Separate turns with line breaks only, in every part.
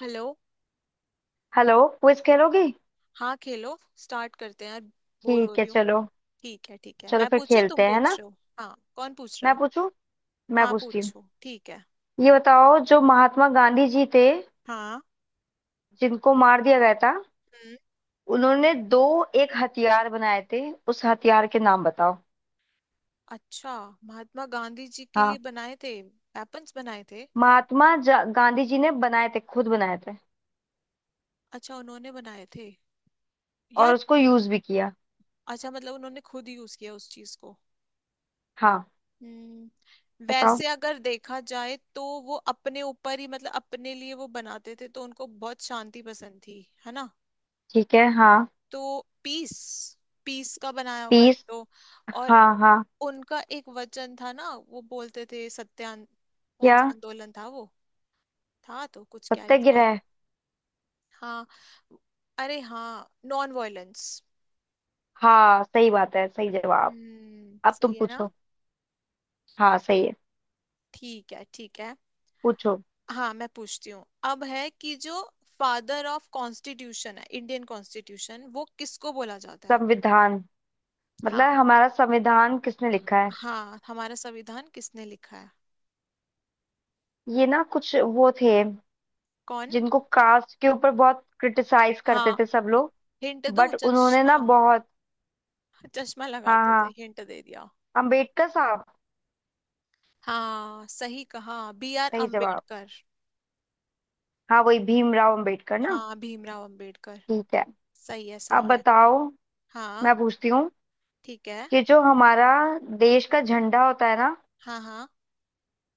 Hello.
Hello, quiz खेलोगी?
हाँ, खेलो, स्टार्ट करते हैं यार। बोर हो
ठीक है,
रही हूँ।
चलो।
ठीक है, ठीक है।
चलो
मैं
फिर
पूछूं?
खेलते
तुम
हैं, है
पूछ
ना।
रहे हो? हाँ, कौन पूछ रहा
मैं
है?
पूछूं। मैं
हाँ,
पूछती हूँ।
पूछो, ठीक है।
ये बताओ, जो महात्मा गांधी जी थे,
हाँ।
जिनको मार दिया गया था,
हम्म।
उन्होंने दो एक हथियार बनाए थे। उस हथियार के नाम बताओ।
अच्छा। महात्मा गांधी जी के लिए
हाँ,
बनाए थे, वेपन्स बनाए थे?
महात्मा गांधी जी ने बनाए थे, खुद बनाए थे।
अच्छा, उन्होंने बनाए थे
और
यार।
उसको यूज भी किया।
अच्छा, मतलब उन्होंने खुद यूज किया उस चीज को?
हाँ।
हम्म।
बताओ।
वैसे अगर देखा जाए तो वो अपने ऊपर ही मतलब अपने लिए वो बनाते थे, तो उनको बहुत शांति पसंद थी, है ना।
ठीक है, हाँ।
तो पीस। पीस का बनाया होगा एक
पीस।
तो। और
हाँ, हाँ।
उनका एक वचन था ना, वो बोलते थे सत्यान। कौन
क्या?
सा आंदोलन था वो? था तो कुछ, क्या ही था।
सत्याग्रह।
हाँ। अरे हाँ, नॉन वायलेंस।
हाँ, सही बात है, सही जवाब।
हम्म,
अब तुम
सही है ना।
पूछो। हाँ, सही है।
ठीक है, ठीक है।
पूछो।
हाँ, मैं पूछती हूँ। अब है कि जो फादर ऑफ कॉन्स्टिट्यूशन है, इंडियन कॉन्स्टिट्यूशन, वो किसको बोला जाता है?
संविधान। मतलब
हाँ,
हमारा संविधान किसने लिखा है?
हाँ, हमारा संविधान किसने लिखा है?
ये ना कुछ वो थे,
कौन?
जिनको कास्ट के ऊपर बहुत क्रिटिसाइज करते
हाँ,
थे सब लोग।
हिंट दो,
बट उन्होंने ना
चश्मा।
बहुत।
चश्मा
हाँ,
लगाते थे,
हाँ।
हिंट दे दिया।
अंबेडकर साहब।
हाँ, सही कहा। बी आर
सही जवाब।
अम्बेडकर।
हाँ, वही भीमराव अंबेडकर ना।
हाँ, भीमराव अम्बेडकर।
ठीक है।
सही है,
अब
सही है।
बताओ।
हाँ।
मैं पूछती हूँ,
ठीक है।
कि जो हमारा देश का झंडा होता है ना,
हाँ, हाँ,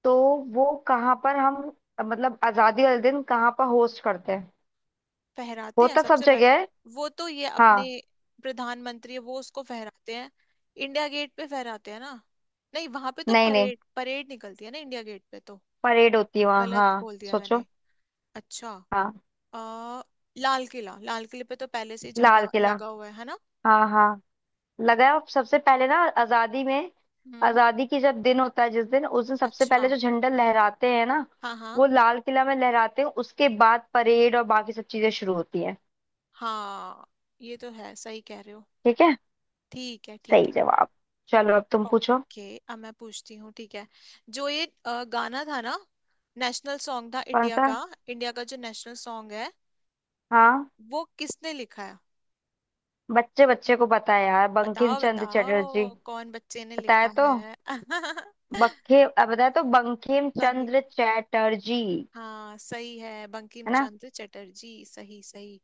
तो वो कहाँ पर हम, मतलब आजादी वाले दिन कहाँ पर होस्ट करते हैं?
फहराते हैं
होता सब
सबसे
जगह है।
पहले वो तो। ये अपने
हाँ।
प्रधानमंत्री है वो, उसको फहराते हैं। इंडिया गेट पे फहराते हैं ना? नहीं, वहां पे तो
नहीं, नहीं।
परेड, परेड निकलती है ना इंडिया गेट पे तो।
परेड होती है वहाँ,
गलत
हाँ,
बोल दिया मैंने।
सोचो।
अच्छा।
हाँ।
आ, लाल किला। लाल किले पे तो पहले से ही
लाल
झंडा
किला।
लगा हुआ है ना।
हाँ, हाँ। लगाया, और सबसे पहले ना आजादी में।
हम्म।
आजादी की जब दिन होता है, जिस दिन, उस दिन सबसे पहले
अच्छा।
जो झंडा लहराते हैं ना,
हाँ, हाँ,
वो लाल किला में लहराते हैं, उसके बाद परेड और बाकी सब चीजें शुरू होती हैं।
हाँ। ये तो है, सही कह रहे हो।
ठीक है,
ठीक है, ठीक
सही
है।
जवाब। चलो, अब तुम पूछो।
ओके, अब मैं पूछती हूँ, ठीक है। जो ये गाना था ना, नेशनल सॉन्ग था
कौन
इंडिया
सा?
का। इंडिया का जो नेशनल सॉन्ग है,
हाँ,
वो किसने लिखा है?
बच्चे बच्चे को पता है यार, बंकिम
बताओ
चंद्र चटर्जी।
बताओ, कौन बच्चे ने
बताया
लिखा
तो,
है?
बताया तो बंकिम
सही।
चंद्र चटर्जी।
हाँ, सही है, बंकिम
है ना।
चंद्र चटर्जी, सही, सही।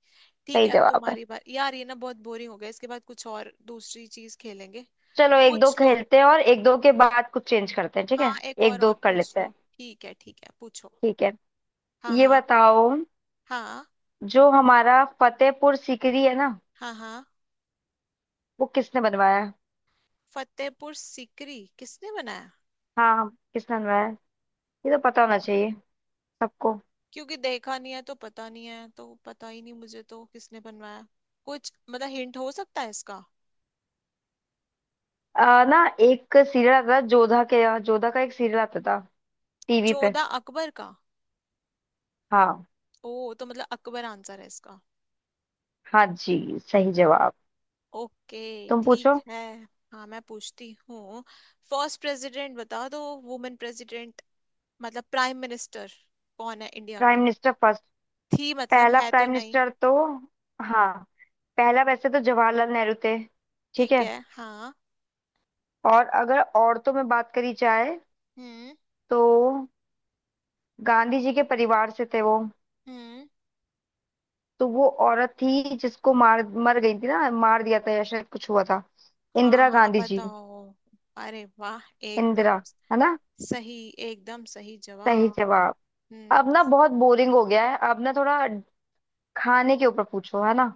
ठीक
सही
है, अब
जवाब है।
तुम्हारी बात यार, ये ना बहुत बोरिंग हो गया, इसके बाद कुछ और दूसरी चीज खेलेंगे।
चलो एक दो
पूछ लो।
खेलते हैं, और एक दो के बाद कुछ चेंज करते हैं, ठीक
हाँ,
है।
एक
एक दो
और
कर
पूछ
लेते
लो,
हैं।
ठीक है, ठीक है, पूछो।
ठीक है।
हाँ।
ये
हाँ।
बताओ,
हाँ।
जो हमारा फतेहपुर सीकरी है ना,
हाँ। हाँ।
वो किसने बनवाया?
फतेहपुर सिकरी किसने बनाया?
हाँ, हाँ, किसने बनवाया? ये तो पता होना चाहिए सबको।
क्योंकि देखा नहीं है तो पता नहीं है, तो पता ही नहीं मुझे तो किसने बनवाया। कुछ मतलब हिंट हो सकता है इसका?
ना, एक सीरियल आता था जोधा के यहाँ, जोधा का एक सीरियल आता था, टीवी पे।
जोधा अकबर का?
हाँ।
ओ, तो मतलब अकबर आंसर है इसका।
हाँ जी, सही जवाब।
ओके,
तुम
ठीक
पूछो।
है। हाँ, मैं पूछती हूँ। फर्स्ट प्रेसिडेंट बता दो, वुमेन प्रेसिडेंट, मतलब प्राइम मिनिस्टर कौन है इंडिया
प्राइम
की?
Minister first?
थी, मतलब
पहला
है तो
प्राइम
नहीं।
मिनिस्टर तो, हाँ, पहला वैसे तो जवाहरलाल नेहरू थे। ठीक
ठीक
है।
है, हाँ।
और अगर औरतों में बात करी जाए,
हम्म।
तो गांधी जी के परिवार से थे वो।
हम्म।
तो वो औरत थी, जिसको मार मर गई थी ना, मार दिया था, या शायद कुछ हुआ था।
हाँ,
इंदिरा
हाँ,
गांधी जी।
बताओ। अरे वाह, एकदम
इंदिरा, है ना।
सही। एकदम सही
सही
जवाब।
जवाब।
हम्म।
अब ना बहुत बोरिंग हो गया है, अब ना थोड़ा खाने के ऊपर पूछो, है ना।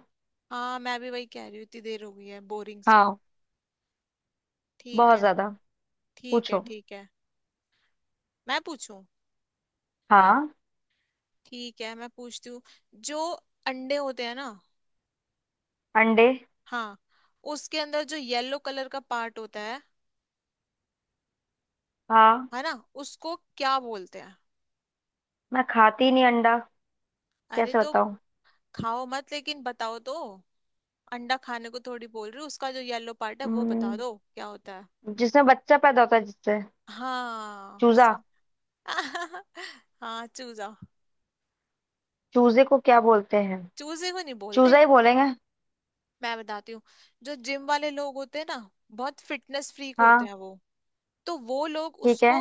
हाँ, मैं भी वही कह रही हूँ, इतनी देर हो गई है, बोरिंग सा।
हाँ,
ठीक
बहुत
है,
ज्यादा।
ठीक है।
पूछो।
ठीक है, मैं पूछूं?
हाँ।
ठीक है, मैं पूछती हूँ। जो अंडे होते हैं ना।
अंडे।
हाँ, उसके अंदर जो येलो कलर का पार्ट होता है
हाँ।
है ना, उसको क्या बोलते हैं?
मैं खाती नहीं अंडा,
अरे
कैसे
तो
बताऊं?
खाओ मत लेकिन बताओ तो। अंडा खाने को थोड़ी बोल रही हूँ, उसका जो येलो पार्ट है, वो
हम्म,
बता दो क्या होता है।
जिसमें बच्चा पैदा होता है, जिससे।
हाँ
चूजा।
सही। हाँ चूजा।
चूजे को क्या बोलते हैं?
चूजे को नहीं बोलते।
चूजा ही बोलेंगे।
मैं बताती हूँ। जो जिम वाले लोग होते हैं ना, बहुत फिटनेस फ्रीक होते
हाँ।
हैं वो, तो वो लोग
ठीक है।
उसको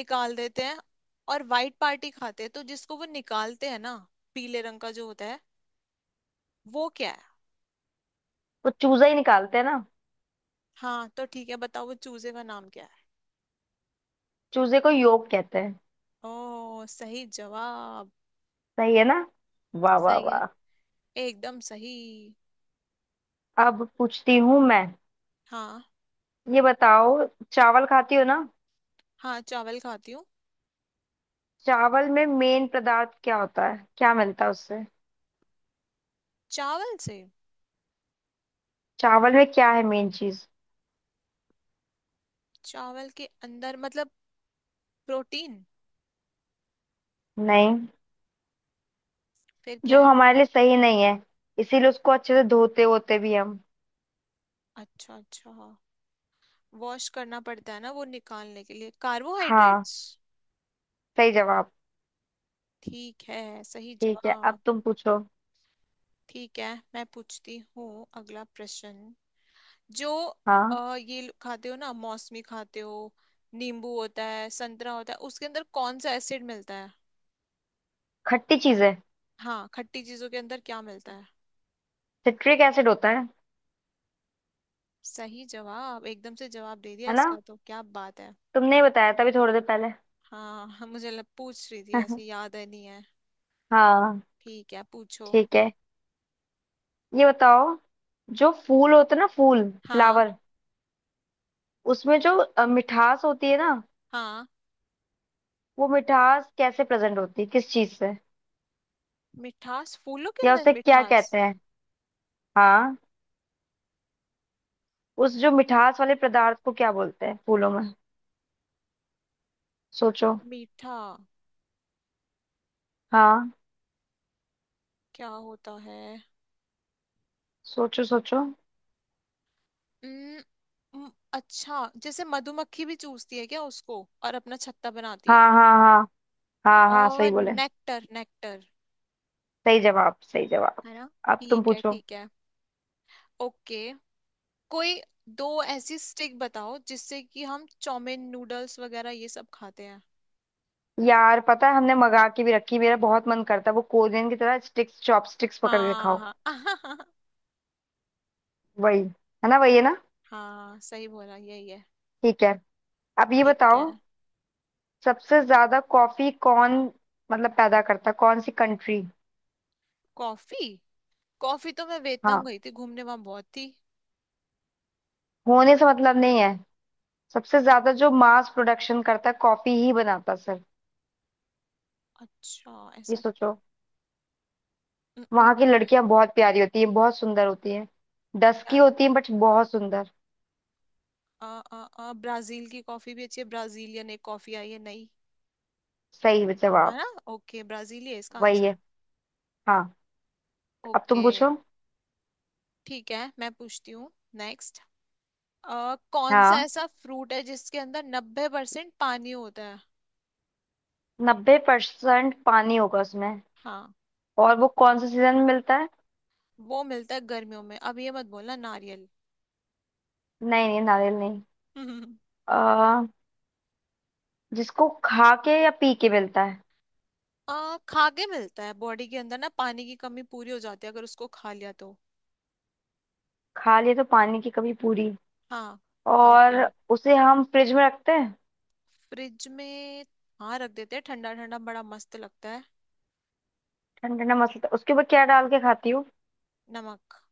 निकाल देते हैं और वाइट पार्टी खाते हैं। तो जिसको वो निकालते हैं ना, पीले रंग का जो होता है, वो क्या है?
वो चूजा ही निकालते हैं ना।
हाँ, तो ठीक है, बताओ वो चूजे का नाम क्या है?
चूजे को योग कहते हैं।
ओ, सही जवाब।
सही है ना। वाह वाह
सही है,
वाह।
एकदम सही।
अब पूछती हूँ मैं।
हाँ,
ये बताओ, चावल खाती हो ना।
हाँ, चावल खाती हूँ।
चावल में मेन पदार्थ क्या होता है, क्या मिलता है उससे?
चावल से?
चावल में क्या है मेन चीज?
चावल के अंदर मतलब प्रोटीन?
नहीं।
फिर क्या
जो
है?
हमारे लिए सही नहीं है, इसीलिए उसको अच्छे से धोते होते भी हम।
अच्छा, अच्छा, हाँ। वॉश करना पड़ता है ना, वो निकालने के लिए,
हाँ,
कार्बोहाइड्रेट्स।
सही जवाब।
ठीक है, सही
ठीक है, अब
जवाब।
तुम पूछो।
ठीक है, मैं पूछती हूँ अगला प्रश्न। जो
हाँ।
खाते हो ना मौसमी खाते हो, नींबू होता है, संतरा होता है, उसके अंदर कौन सा एसिड मिलता है?
खट्टी चीज है।
हाँ, खट्टी चीजों के अंदर क्या मिलता है?
सिट्रिक एसिड होता है।
सही जवाब, एकदम से जवाब दे दिया
है ना,
इसका तो, क्या बात है।
तुमने ही बताया था अभी थोड़ी देर पहले।
हाँ हाँ, पूछ रही थी ऐसे, याद है नहीं है।
हाँ।
ठीक है, पूछो।
ठीक है। ये बताओ, जो फूल होते हैं ना, फूल,
हाँ।
फ्लावर, उसमें जो मिठास होती है ना,
हाँ,
वो मिठास कैसे प्रेजेंट होती है, किस चीज से,
मिठास, फूलों के
या
अंदर
उसे क्या
मिठास?
कहते हैं? हाँ। उस जो मिठास वाले पदार्थ को क्या बोलते हैं फूलों में? सोचो।
मीठा?
हाँ।
क्या होता है?
सोचो, सोचो।
उम्म, उम्म, अच्छा, जैसे मधुमक्खी भी चूसती है क्या उसको और अपना छत्ता बनाती है?
हाँ, हाँ, हाँ। हाँ, हाँ, सही
और
बोले,
नेक्टर, नेक्टर।
सही जवाब, सही जवाब।
है ना।
अब तुम
ठीक है,
पूछो।
ठीक है, ओके। कोई दो ऐसी स्टिक बताओ जिससे कि हम चाउमीन, नूडल्स वगैरह ये सब खाते हैं।
यार पता है, हमने मंगा के भी रखी, मेरा बहुत मन करता है वो कोरियन की तरह स्टिक्स, चॉपस्टिक्स पकड़ के
हाँ
खाओ।
हाँ
वही। है ना, वही है ना।
हाँ, सही बोला, यही है।
ठीक है। अब ये
ठीक
बताओ,
है।
सबसे ज्यादा कॉफी कौन, मतलब पैदा करता है, कौन सी कंट्री?
कॉफी। कॉफी तो मैं वियतनाम
हाँ।
गई थी घूमने, वहां बहुत थी।
होने से मतलब नहीं है, सबसे ज्यादा जो मास प्रोडक्शन करता है, कॉफी ही बनाता है सर।
अच्छा,
ये सोचो।
न, न,
वहां की
न,
लड़कियां बहुत प्यारी होती हैं, बहुत सुंदर होती हैं, डस की
या-
होती हैं, बट बहुत सुंदर।
आ, आ, ब्राजील की कॉफी भी अच्छी है, ब्राजीलियन एक कॉफी आई है नई,
सही
है
जवाब।
ना। ओके, ब्राजील ही है इसका
वही
आंसर।
है। हाँ। अब तुम
ओके।
पूछो।
ठीक है, मैं पूछती हूँ नेक्स्ट। कौन सा
हाँ,
ऐसा फ्रूट है जिसके अंदर 90% पानी होता है?
नब्बे परसेंट पानी होगा उसमें,
हाँ,
और वो कौन से सीजन में मिलता है?
वो मिलता है गर्मियों में। अब ये मत बोलना नारियल।
नहीं, नहीं, नारियल नहीं। आ, जिसको खा के, या पी के मिलता है?
खा के मिलता है, बॉडी के अंदर ना पानी की कमी पूरी हो जाती है अगर उसको खा लिया तो।
खा लिए तो पानी की कमी पूरी।
हाँ, बताओ
और
क्या।
उसे हम फ्रिज में रखते हैं।
फ्रिज में? हाँ, रख देते हैं, ठंडा ठंडा बड़ा मस्त लगता है।
ठंडा ठंडा मसलता, उसके ऊपर क्या डाल के खाती हूँ?
नमक।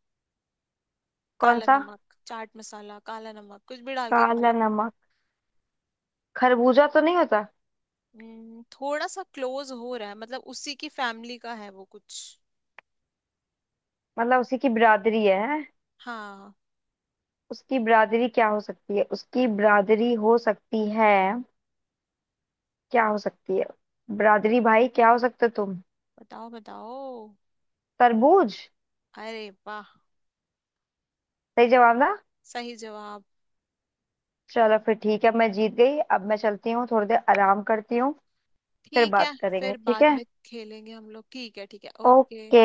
कौन
काला
सा?
नमक, चाट मसाला, काला नमक, कुछ भी डाल के खा
काला
लो।
नमक। खरबूजा तो नहीं होता?
थोड़ा सा क्लोज हो रहा है, मतलब उसी की फैमिली का है वो कुछ।
मतलब उसी की बिरादरी है, हैं?
हाँ,
उसकी बिरादरी क्या हो सकती है, उसकी बिरादरी हो सकती है, क्या हो सकती है, बिरादरी भाई क्या हो सकते हो तुम?
बताओ बताओ।
तरबूज।
अरे वाह,
सही जवाब ना।
सही जवाब।
चलो फिर, ठीक है, मैं जीत गई, अब मैं चलती हूँ, थोड़ी देर आराम करती हूँ। फिर
ठीक है,
बात करेंगे,
फिर
ठीक
बाद
है।
में खेलेंगे हम लोग, ठीक है, ठीक है, ओके।
ओके।